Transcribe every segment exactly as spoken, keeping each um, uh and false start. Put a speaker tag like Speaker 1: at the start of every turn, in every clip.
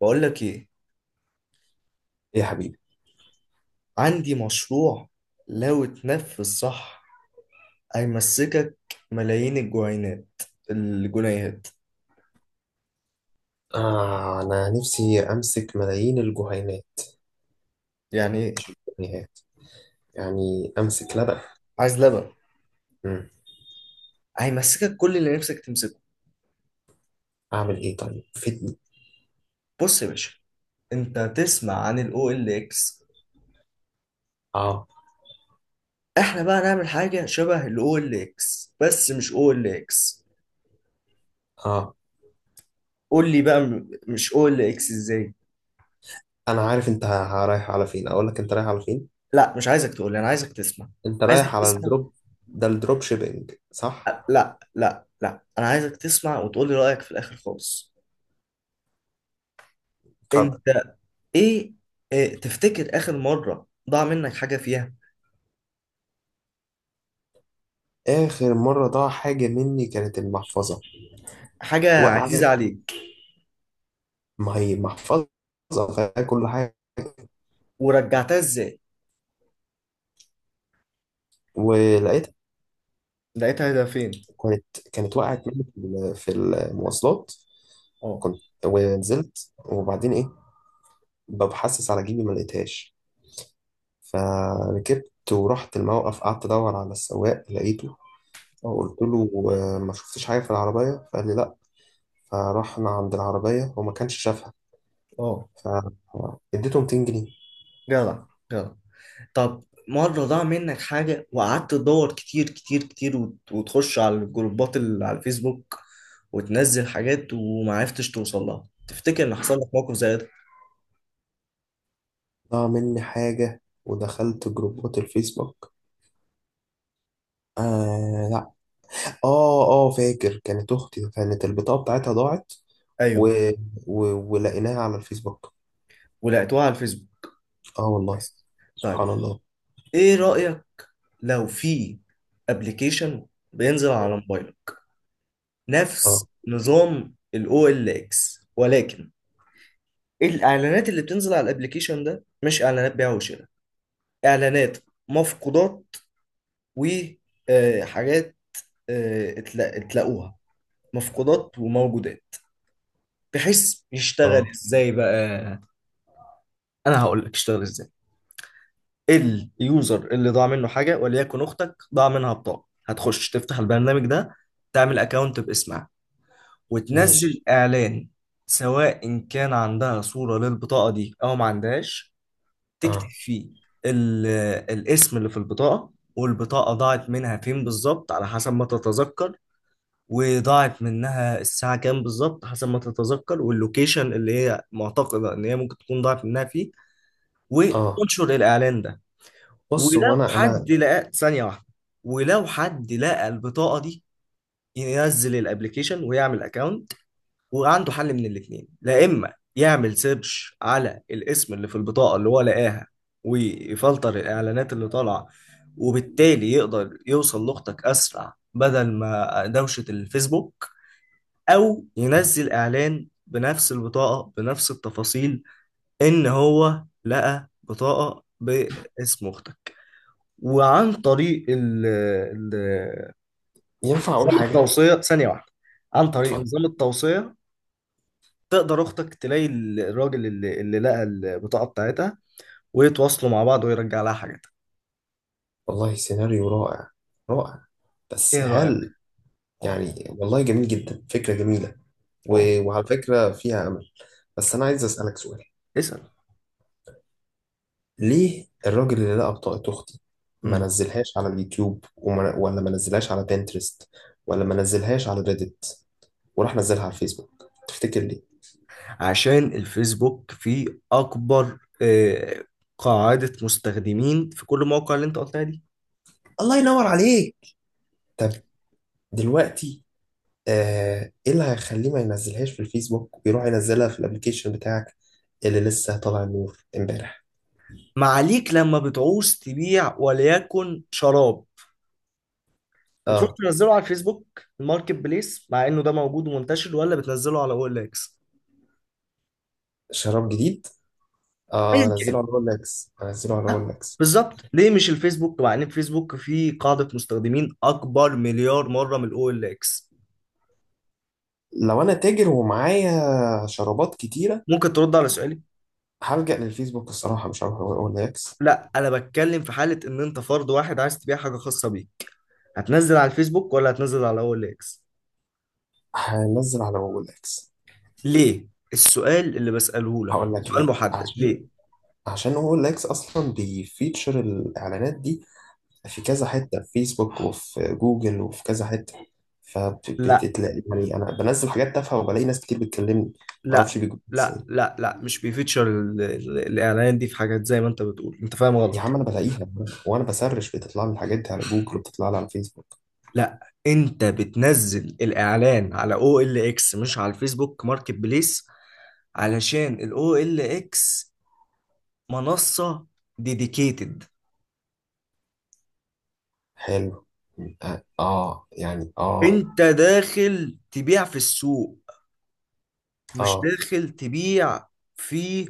Speaker 1: بقول لك ايه؟
Speaker 2: يا حبيبي.
Speaker 1: عندي مشروع لو اتنفذ صح هيمسكك ملايين الجنيهات الجنيهات.
Speaker 2: آه، أنا نفسي أمسك ملايين الجهينات.
Speaker 1: يعني ايه؟
Speaker 2: يعني يعني أمسك لبن.
Speaker 1: عايز لبن؟
Speaker 2: مم.
Speaker 1: هيمسكك كل اللي نفسك تمسكه.
Speaker 2: أعمل إيه طيب؟ فدني.
Speaker 1: بص يا باشا، انت تسمع عن الاو ال اكس؟
Speaker 2: آه.
Speaker 1: احنا بقى نعمل حاجه شبه الاو ال اكس بس مش او ال اكس.
Speaker 2: آه.
Speaker 1: قول لي بقى م- مش او ال اكس ازاي.
Speaker 2: أنا عارف أنت ه- رايح على فين. أقول لك أنت رايح على فين.
Speaker 1: لا، مش عايزك تقول لي، انا عايزك تسمع.
Speaker 2: أنت
Speaker 1: عايزك
Speaker 2: رايح على
Speaker 1: تسمع.
Speaker 2: الدروب. ده الدروب شيبينج، صح؟
Speaker 1: لا لا لا، انا عايزك تسمع وتقول لي رايك في الاخر خالص.
Speaker 2: اتفضل.
Speaker 1: انت، ايه، آه، تفتكر اخر مرة ضاع منك حاجة فيها؟
Speaker 2: آخر مرة ضاع حاجة مني كانت المحفظة،
Speaker 1: حاجة عزيزة
Speaker 2: وقعت.
Speaker 1: عليك؟
Speaker 2: ما هي محفظة فيها كل حاجة،
Speaker 1: ورجعتها ازاي؟
Speaker 2: ولقيتها.
Speaker 1: لقيتها ده فين؟
Speaker 2: كانت كانت وقعت مني في ال- في المواصلات.
Speaker 1: اه،
Speaker 2: كنت ونزلت وبعدين إيه، ببحثس على جيبي ما لقيتهاش. فركبت ورحت الموقف، قعدت ادور على السواق، لقيته.
Speaker 1: اه،
Speaker 2: قلت له آه، ما شفتش حاجه في العربيه؟ فقال لي لا. فرحنا عند العربيه وما كانش شافها.
Speaker 1: اه.
Speaker 2: فاديته مئتين جنيه.
Speaker 1: جدع جدع. طب، مرة ضاع منك حاجة وقعدت تدور كتير كتير كتير، وت- وتخش على الجروبات اللي على الفيسبوك وتنزل حاجات ومعرفتش توصل لها، تفتكر ان حصل لك موقف زي ده؟
Speaker 2: ضاع مني حاجه ودخلت جروبات الفيسبوك؟ آه لا. اه، اه، فاكر، كانت اختي كانت البطاقه بتاعتها ضاعت. و...
Speaker 1: ايوه.
Speaker 2: و... ولقيناها على الفيسبوك.
Speaker 1: ولقيتوها على الفيسبوك؟
Speaker 2: اه والله.
Speaker 1: بس.
Speaker 2: سبحان
Speaker 1: طيب،
Speaker 2: الله.
Speaker 1: ايه رأيك لو في ابلكيشن بينزل على موبايلك
Speaker 2: اه،
Speaker 1: نفس نظام الاو ال اكس، ولكن الاعلانات اللي بتنزل على الابليكيشن ده مش اعلانات بيع وشراء، اعلانات مفقودات وحاجات تلاقوها، مفقودات وموجودات؟ بحيث يشتغل
Speaker 2: اه،
Speaker 1: ازاي بقى؟ انا هقول لك اشتغل ازاي. اليوزر اللي ضاع منه حاجه، وليكن اختك ضاع منها بطاقه، هتخش تفتح البرنامج ده، تعمل اكونت باسمها وتنزل
Speaker 2: ماشي.
Speaker 1: إعلان. سواء إن كان عندها صورة للبطاقة دي أو ما عندهاش، تكتب
Speaker 2: اه،
Speaker 1: فيه ال- الاسم اللي في البطاقة، والبطاقة ضاعت منها فين بالظبط على حسب ما تتذكر، وضاعت منها الساعة كام بالظبط حسب ما تتذكر، واللوكيشن اللي هي معتقدة إن هي ممكن تكون ضاعت منها فيه،
Speaker 2: اه،
Speaker 1: وتنشر الإعلان ده.
Speaker 2: بص،
Speaker 1: ولو
Speaker 2: هو انا
Speaker 1: حد
Speaker 2: انا
Speaker 1: لقى ثانية واحدة، ولو حد لقى البطاقة دي، ينزل الابليكيشن ويعمل أكونت. وعنده حل من الاثنين، لا اما يعمل سيرش على الاسم اللي في البطاقه اللي هو لقاها ويفلتر الاعلانات اللي طالعه، وبالتالي يقدر يوصل لاختك اسرع بدل ما دوشه الفيسبوك، او ينزل اعلان بنفس البطاقه بنفس التفاصيل ان هو لقى بطاقه باسم اختك. وعن طريق ال ال-
Speaker 2: ينفع أقول
Speaker 1: نظام
Speaker 2: حاجة؟
Speaker 1: التوصيه، ثانيه واحده، عن طريق
Speaker 2: اتفضل.
Speaker 1: نظام التوصيه تقدر اختك تلاقي الراجل اللي, اللي لقى البطاقه بتاعتها، ويتواصلوا مع بعض ويرجع لها حاجتها.
Speaker 2: والله سيناريو رائع، رائع. بس
Speaker 1: ايه رايك؟
Speaker 2: هل،
Speaker 1: اه،
Speaker 2: يعني والله جميل جدا، فكرة جميلة. و...
Speaker 1: اه.
Speaker 2: وعلى فكرة فيها أمل. بس أنا عايز أسألك سؤال.
Speaker 1: اسال.
Speaker 2: ليه الراجل اللي لقى بطاقة أختي ما
Speaker 1: امم
Speaker 2: نزلهاش على اليوتيوب، وما... ولا ما نزلهاش على بنترست، ولا ما نزلهاش على ريدت، وراح نزلها على الفيسبوك؟ تفتكر ليه؟
Speaker 1: عشان الفيسبوك فيه اكبر، آه، قاعده مستخدمين، في كل المواقع اللي انت قلتها دي.
Speaker 2: الله ينور عليك. طب دلوقتي، آه، ايه اللي هيخليه ما ينزلهاش في الفيسبوك ويروح ينزلها في الابليكيشن بتاعك اللي لسه طالع النور امبارح؟
Speaker 1: ما عليك، لما بتعوز تبيع وليكن شراب، بتروح
Speaker 2: اه.
Speaker 1: تنزله على الفيسبوك الماركت بليس مع انه ده موجود ومنتشر، ولا بتنزله على او ال اكس؟
Speaker 2: شراب جديد. اه،
Speaker 1: ايا
Speaker 2: انزله
Speaker 1: كان،
Speaker 2: على رولكس، انزله على
Speaker 1: آه،
Speaker 2: رولكس.
Speaker 1: بالظبط، ليه مش الفيسبوك مع ان الفيسبوك فيه قاعدة مستخدمين اكبر مليار مرة من الاو ال اكس؟
Speaker 2: لو انا تاجر ومعايا شرابات كتيره،
Speaker 1: ممكن ترد على سؤالي.
Speaker 2: هلجأ للفيسبوك الصراحه، مش هروح رولكس.
Speaker 1: لا، انا بتكلم في حالة ان انت فرد واحد عايز تبيع حاجة خاصة بيك، هتنزل على الفيسبوك ولا هتنزل على الاو ال اكس؟
Speaker 2: هنزل على رولكس.
Speaker 1: ليه؟ السؤال اللي بسأله لك
Speaker 2: هقول لك
Speaker 1: سؤال
Speaker 2: ليه.
Speaker 1: محدد،
Speaker 2: عشان
Speaker 1: ليه؟
Speaker 2: عشان رولكس اصلا بيفيتشر الاعلانات دي في كذا حتة، في فيسبوك وفي جوجل وفي كذا حتة.
Speaker 1: لا
Speaker 2: فبتلاقي يعني أنا بنزل حاجات تافهة وبلاقي ناس كتير بتكلمني،
Speaker 1: لا
Speaker 2: معرفش بيجوا
Speaker 1: لا
Speaker 2: إزاي.
Speaker 1: لا لا، مش بيفيتشر ال- ال- الاعلان دي في حاجات زي ما انت بتقول، انت فاهم غلط.
Speaker 2: يا عم أنا بلاقيها وأنا بسرش بتطلع لي الحاجات دي على جوجل وبتطلع لي على الفيسبوك.
Speaker 1: لا، انت بتنزل الاعلان على او ال اكس مش على الفيسبوك ماركت بليس علشان ال O L X منصة ديديكيتد.
Speaker 2: حلو. آه آه، يعني آه
Speaker 1: انت داخل تبيع في السوق، مش
Speaker 2: آه.
Speaker 1: داخل تبيع في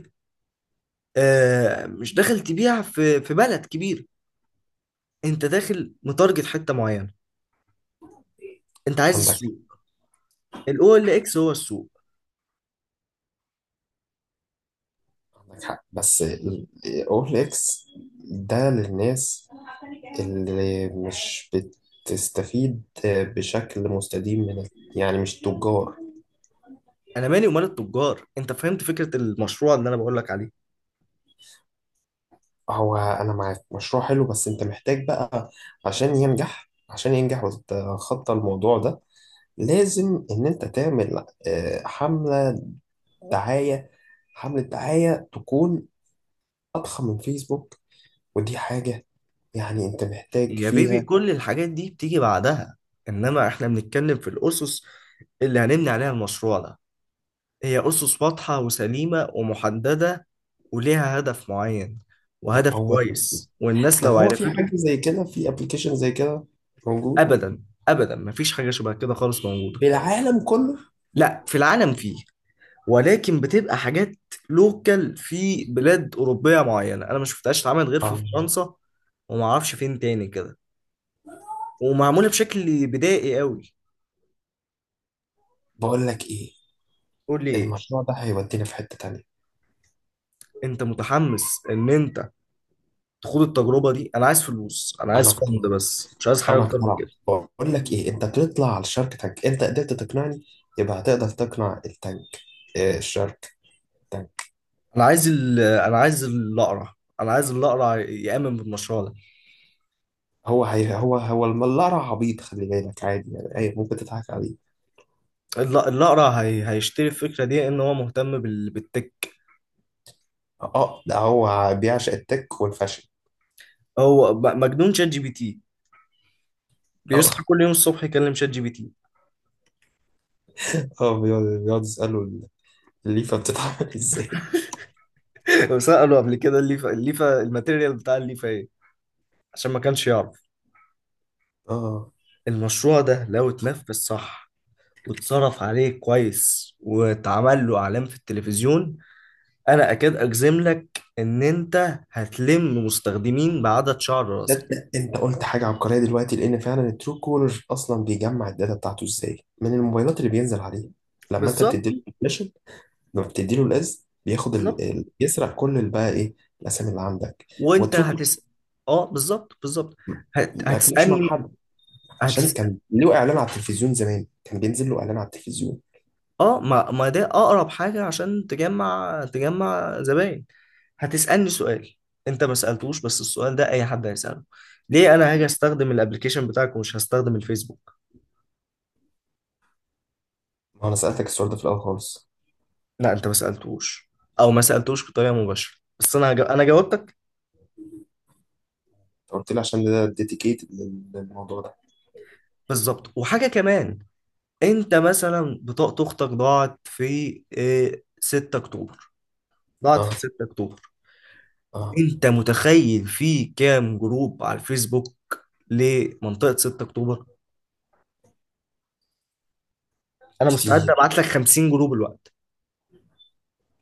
Speaker 1: آه مش داخل تبيع في في بلد كبير، انت داخل متارجت حتة معينة، انت عايز
Speaker 2: عندك
Speaker 1: السوق. ال أو إل إكس هو السوق.
Speaker 2: عندك حق. بس أول إكس ده للناس اللي مش بتستفيد بشكل مستديم من ال- يعني مش تجار.
Speaker 1: انا مالي ومال التجار، انت فهمت فكرة المشروع اللي انا بقول لك عليه؟
Speaker 2: هو انا معاك مشروع حلو، بس انت محتاج بقى عشان ينجح عشان ينجح وتتخطى الموضوع ده لازم ان انت تعمل آه، حملة دعاية حملة دعاية تكون اضخم من فيسبوك. ودي حاجة يعني انت محتاج
Speaker 1: يا بيبي،
Speaker 2: فيها.
Speaker 1: كل الحاجات دي بتيجي بعدها، انما احنا بنتكلم في الاسس اللي هنبني عليها المشروع ده، هي أسس واضحة وسليمة ومحددة، وليها هدف معين، وهدف
Speaker 2: هو
Speaker 1: كويس، والناس
Speaker 2: طب
Speaker 1: لو
Speaker 2: هو في
Speaker 1: عرفته.
Speaker 2: حاجة زي كده، في ابلكيشن زي كده موجود
Speaker 1: أبدا، أبدا مفيش حاجة شبه كده خالص موجودة.
Speaker 2: في العالم كله؟
Speaker 1: لا، في العالم فيه، ولكن بتبقى حاجات لوكال في بلاد أوروبية معينة، أنا ما شفتهاش اتعملت غير في
Speaker 2: آه،
Speaker 1: فرنسا، ومعرفش فين تاني كده، ومعمولة بشكل بدائي قوي.
Speaker 2: بقول لك ايه،
Speaker 1: قول لي إيه.
Speaker 2: المشروع ده هيودينا في حتة تانية.
Speaker 1: أنت متحمس إن أنت تخوض التجربة دي؟ أنا عايز فلوس، أنا
Speaker 2: انا
Speaker 1: عايز
Speaker 2: اقتنعت،
Speaker 1: فند، بس مش عايز حاجة
Speaker 2: انا
Speaker 1: أكتر من
Speaker 2: اقتنعت.
Speaker 1: كده.
Speaker 2: بقول لك ايه، انت تطلع على الشارك تانك، انت قدرت تقنعني يبقى هتقدر تقنع التانك. إيه الشارك تانك؟
Speaker 1: انا عايز ال... انا عايز الاقرع، انا عايز الاقرع يامن بالمشروع ده.
Speaker 2: هو هي هو هو الملارة عبيط، خلي بالك عادي، يعني اي ممكن تضحك عليه.
Speaker 1: الل- الاقرع هي... هيشتري الفكره دي ان هو مهتم بال... بالتك.
Speaker 2: اه، ده هو بيعشق التك والفاشن.
Speaker 1: هو ب- مجنون شات جي بي تي، بيصحى
Speaker 2: اه.
Speaker 1: كل يوم الصبح يكلم شات جي بي تي.
Speaker 2: اه، بيقعد بيقعد يسأله الليفة بتتعمل ازاي.
Speaker 1: وساله قبل كده الليفه، الليفه الماتيريال بتاع الليفه ايه، عشان ما كانش يعرف.
Speaker 2: اه،
Speaker 1: المشروع ده لو اتنفذ صح واتصرف عليه كويس واتعمل له اعلان في التلفزيون، انا اكاد اجزم لك ان انت هتلم مستخدمين بعدد شعر
Speaker 2: ده
Speaker 1: راسك.
Speaker 2: ده انت قلت حاجة عبقرية دلوقتي، لان فعلا الترو كولر اصلا بيجمع الداتا بتاعته ازاي من الموبايلات اللي بينزل عليها لما انت
Speaker 1: بالظبط،
Speaker 2: بتديله. لما بتديله القز بياخد ال...
Speaker 1: بالظبط.
Speaker 2: ال... يسرق كل ال- بقى ايه الاسامي اللي عندك،
Speaker 1: وانت
Speaker 2: واتركه،
Speaker 1: هتس اه، بالظبط، بالظبط. هت...
Speaker 2: ما اكلش مع
Speaker 1: هتسالني.
Speaker 2: حد. عشان
Speaker 1: هتس
Speaker 2: كان له اعلان على التلفزيون زمان، كان بينزل له اعلان على التلفيزيون.
Speaker 1: اه، ما... ما ده اقرب حاجه عشان تجمع تجمع زباين. هتسالني سؤال، انت ما سالتوش بس السؤال ده اي حد هيساله، ليه انا هاجي استخدم الابلكيشن بتاعك ومش هستخدم الفيسبوك؟
Speaker 2: ما انا سالتك السؤال ده في الاول خالص.
Speaker 1: لا، انت ما سالتوش، او ما سالتوش بطريقه مباشره، بس انا هج... انا جاوبتك.
Speaker 2: أنت قلت لي عشان ده ديديكيتد للموضوع ده.
Speaker 1: بالظبط. وحاجه كمان، انت مثلا بطاقه اختك ضاعت في إيه، ستة اكتوبر، ضاعت
Speaker 2: اه،
Speaker 1: في ستة اكتوبر،
Speaker 2: اه،
Speaker 1: انت متخيل في كام جروب على الفيسبوك لمنطقة ستة اكتوبر؟ انا مستعد
Speaker 2: كتير.
Speaker 1: ابعت لك خمسين جروب الوقت،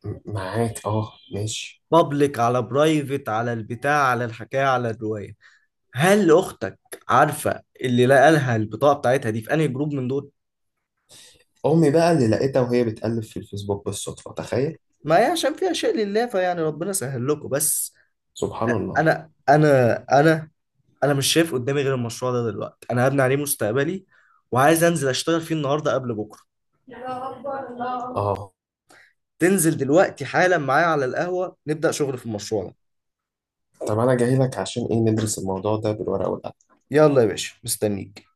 Speaker 2: م- معاك، اه ماشي.
Speaker 1: بابليك على برايفت على البتاع على الحكاية على الرواية. هل اختك عارفة اللي لقالها البطاقة بتاعتها دي في انهي جروب من دول؟
Speaker 2: امي بقى اللي لقيتها وهي بتقلب في الفيسبوك بالصدفه، تخيل.
Speaker 1: ما هي عشان فيها شيء لله، فيعني ربنا سهل لكم بس.
Speaker 2: سبحان الله.
Speaker 1: انا انا انا انا مش شايف قدامي غير المشروع ده دلوقتي، انا هبني عليه مستقبلي، وعايز انزل اشتغل فيه النهارده قبل بكره.
Speaker 2: الله أكبر، الله أكبر. اه،
Speaker 1: تنزل دلوقتي حالا معايا على القهوة نبدأ شغل في المشروع ده؟
Speaker 2: طب انا جاي لك عشان ايه؟ ندرس الموضوع ده بالورقه والقلم.
Speaker 1: يلا يا باشا، مستنيك.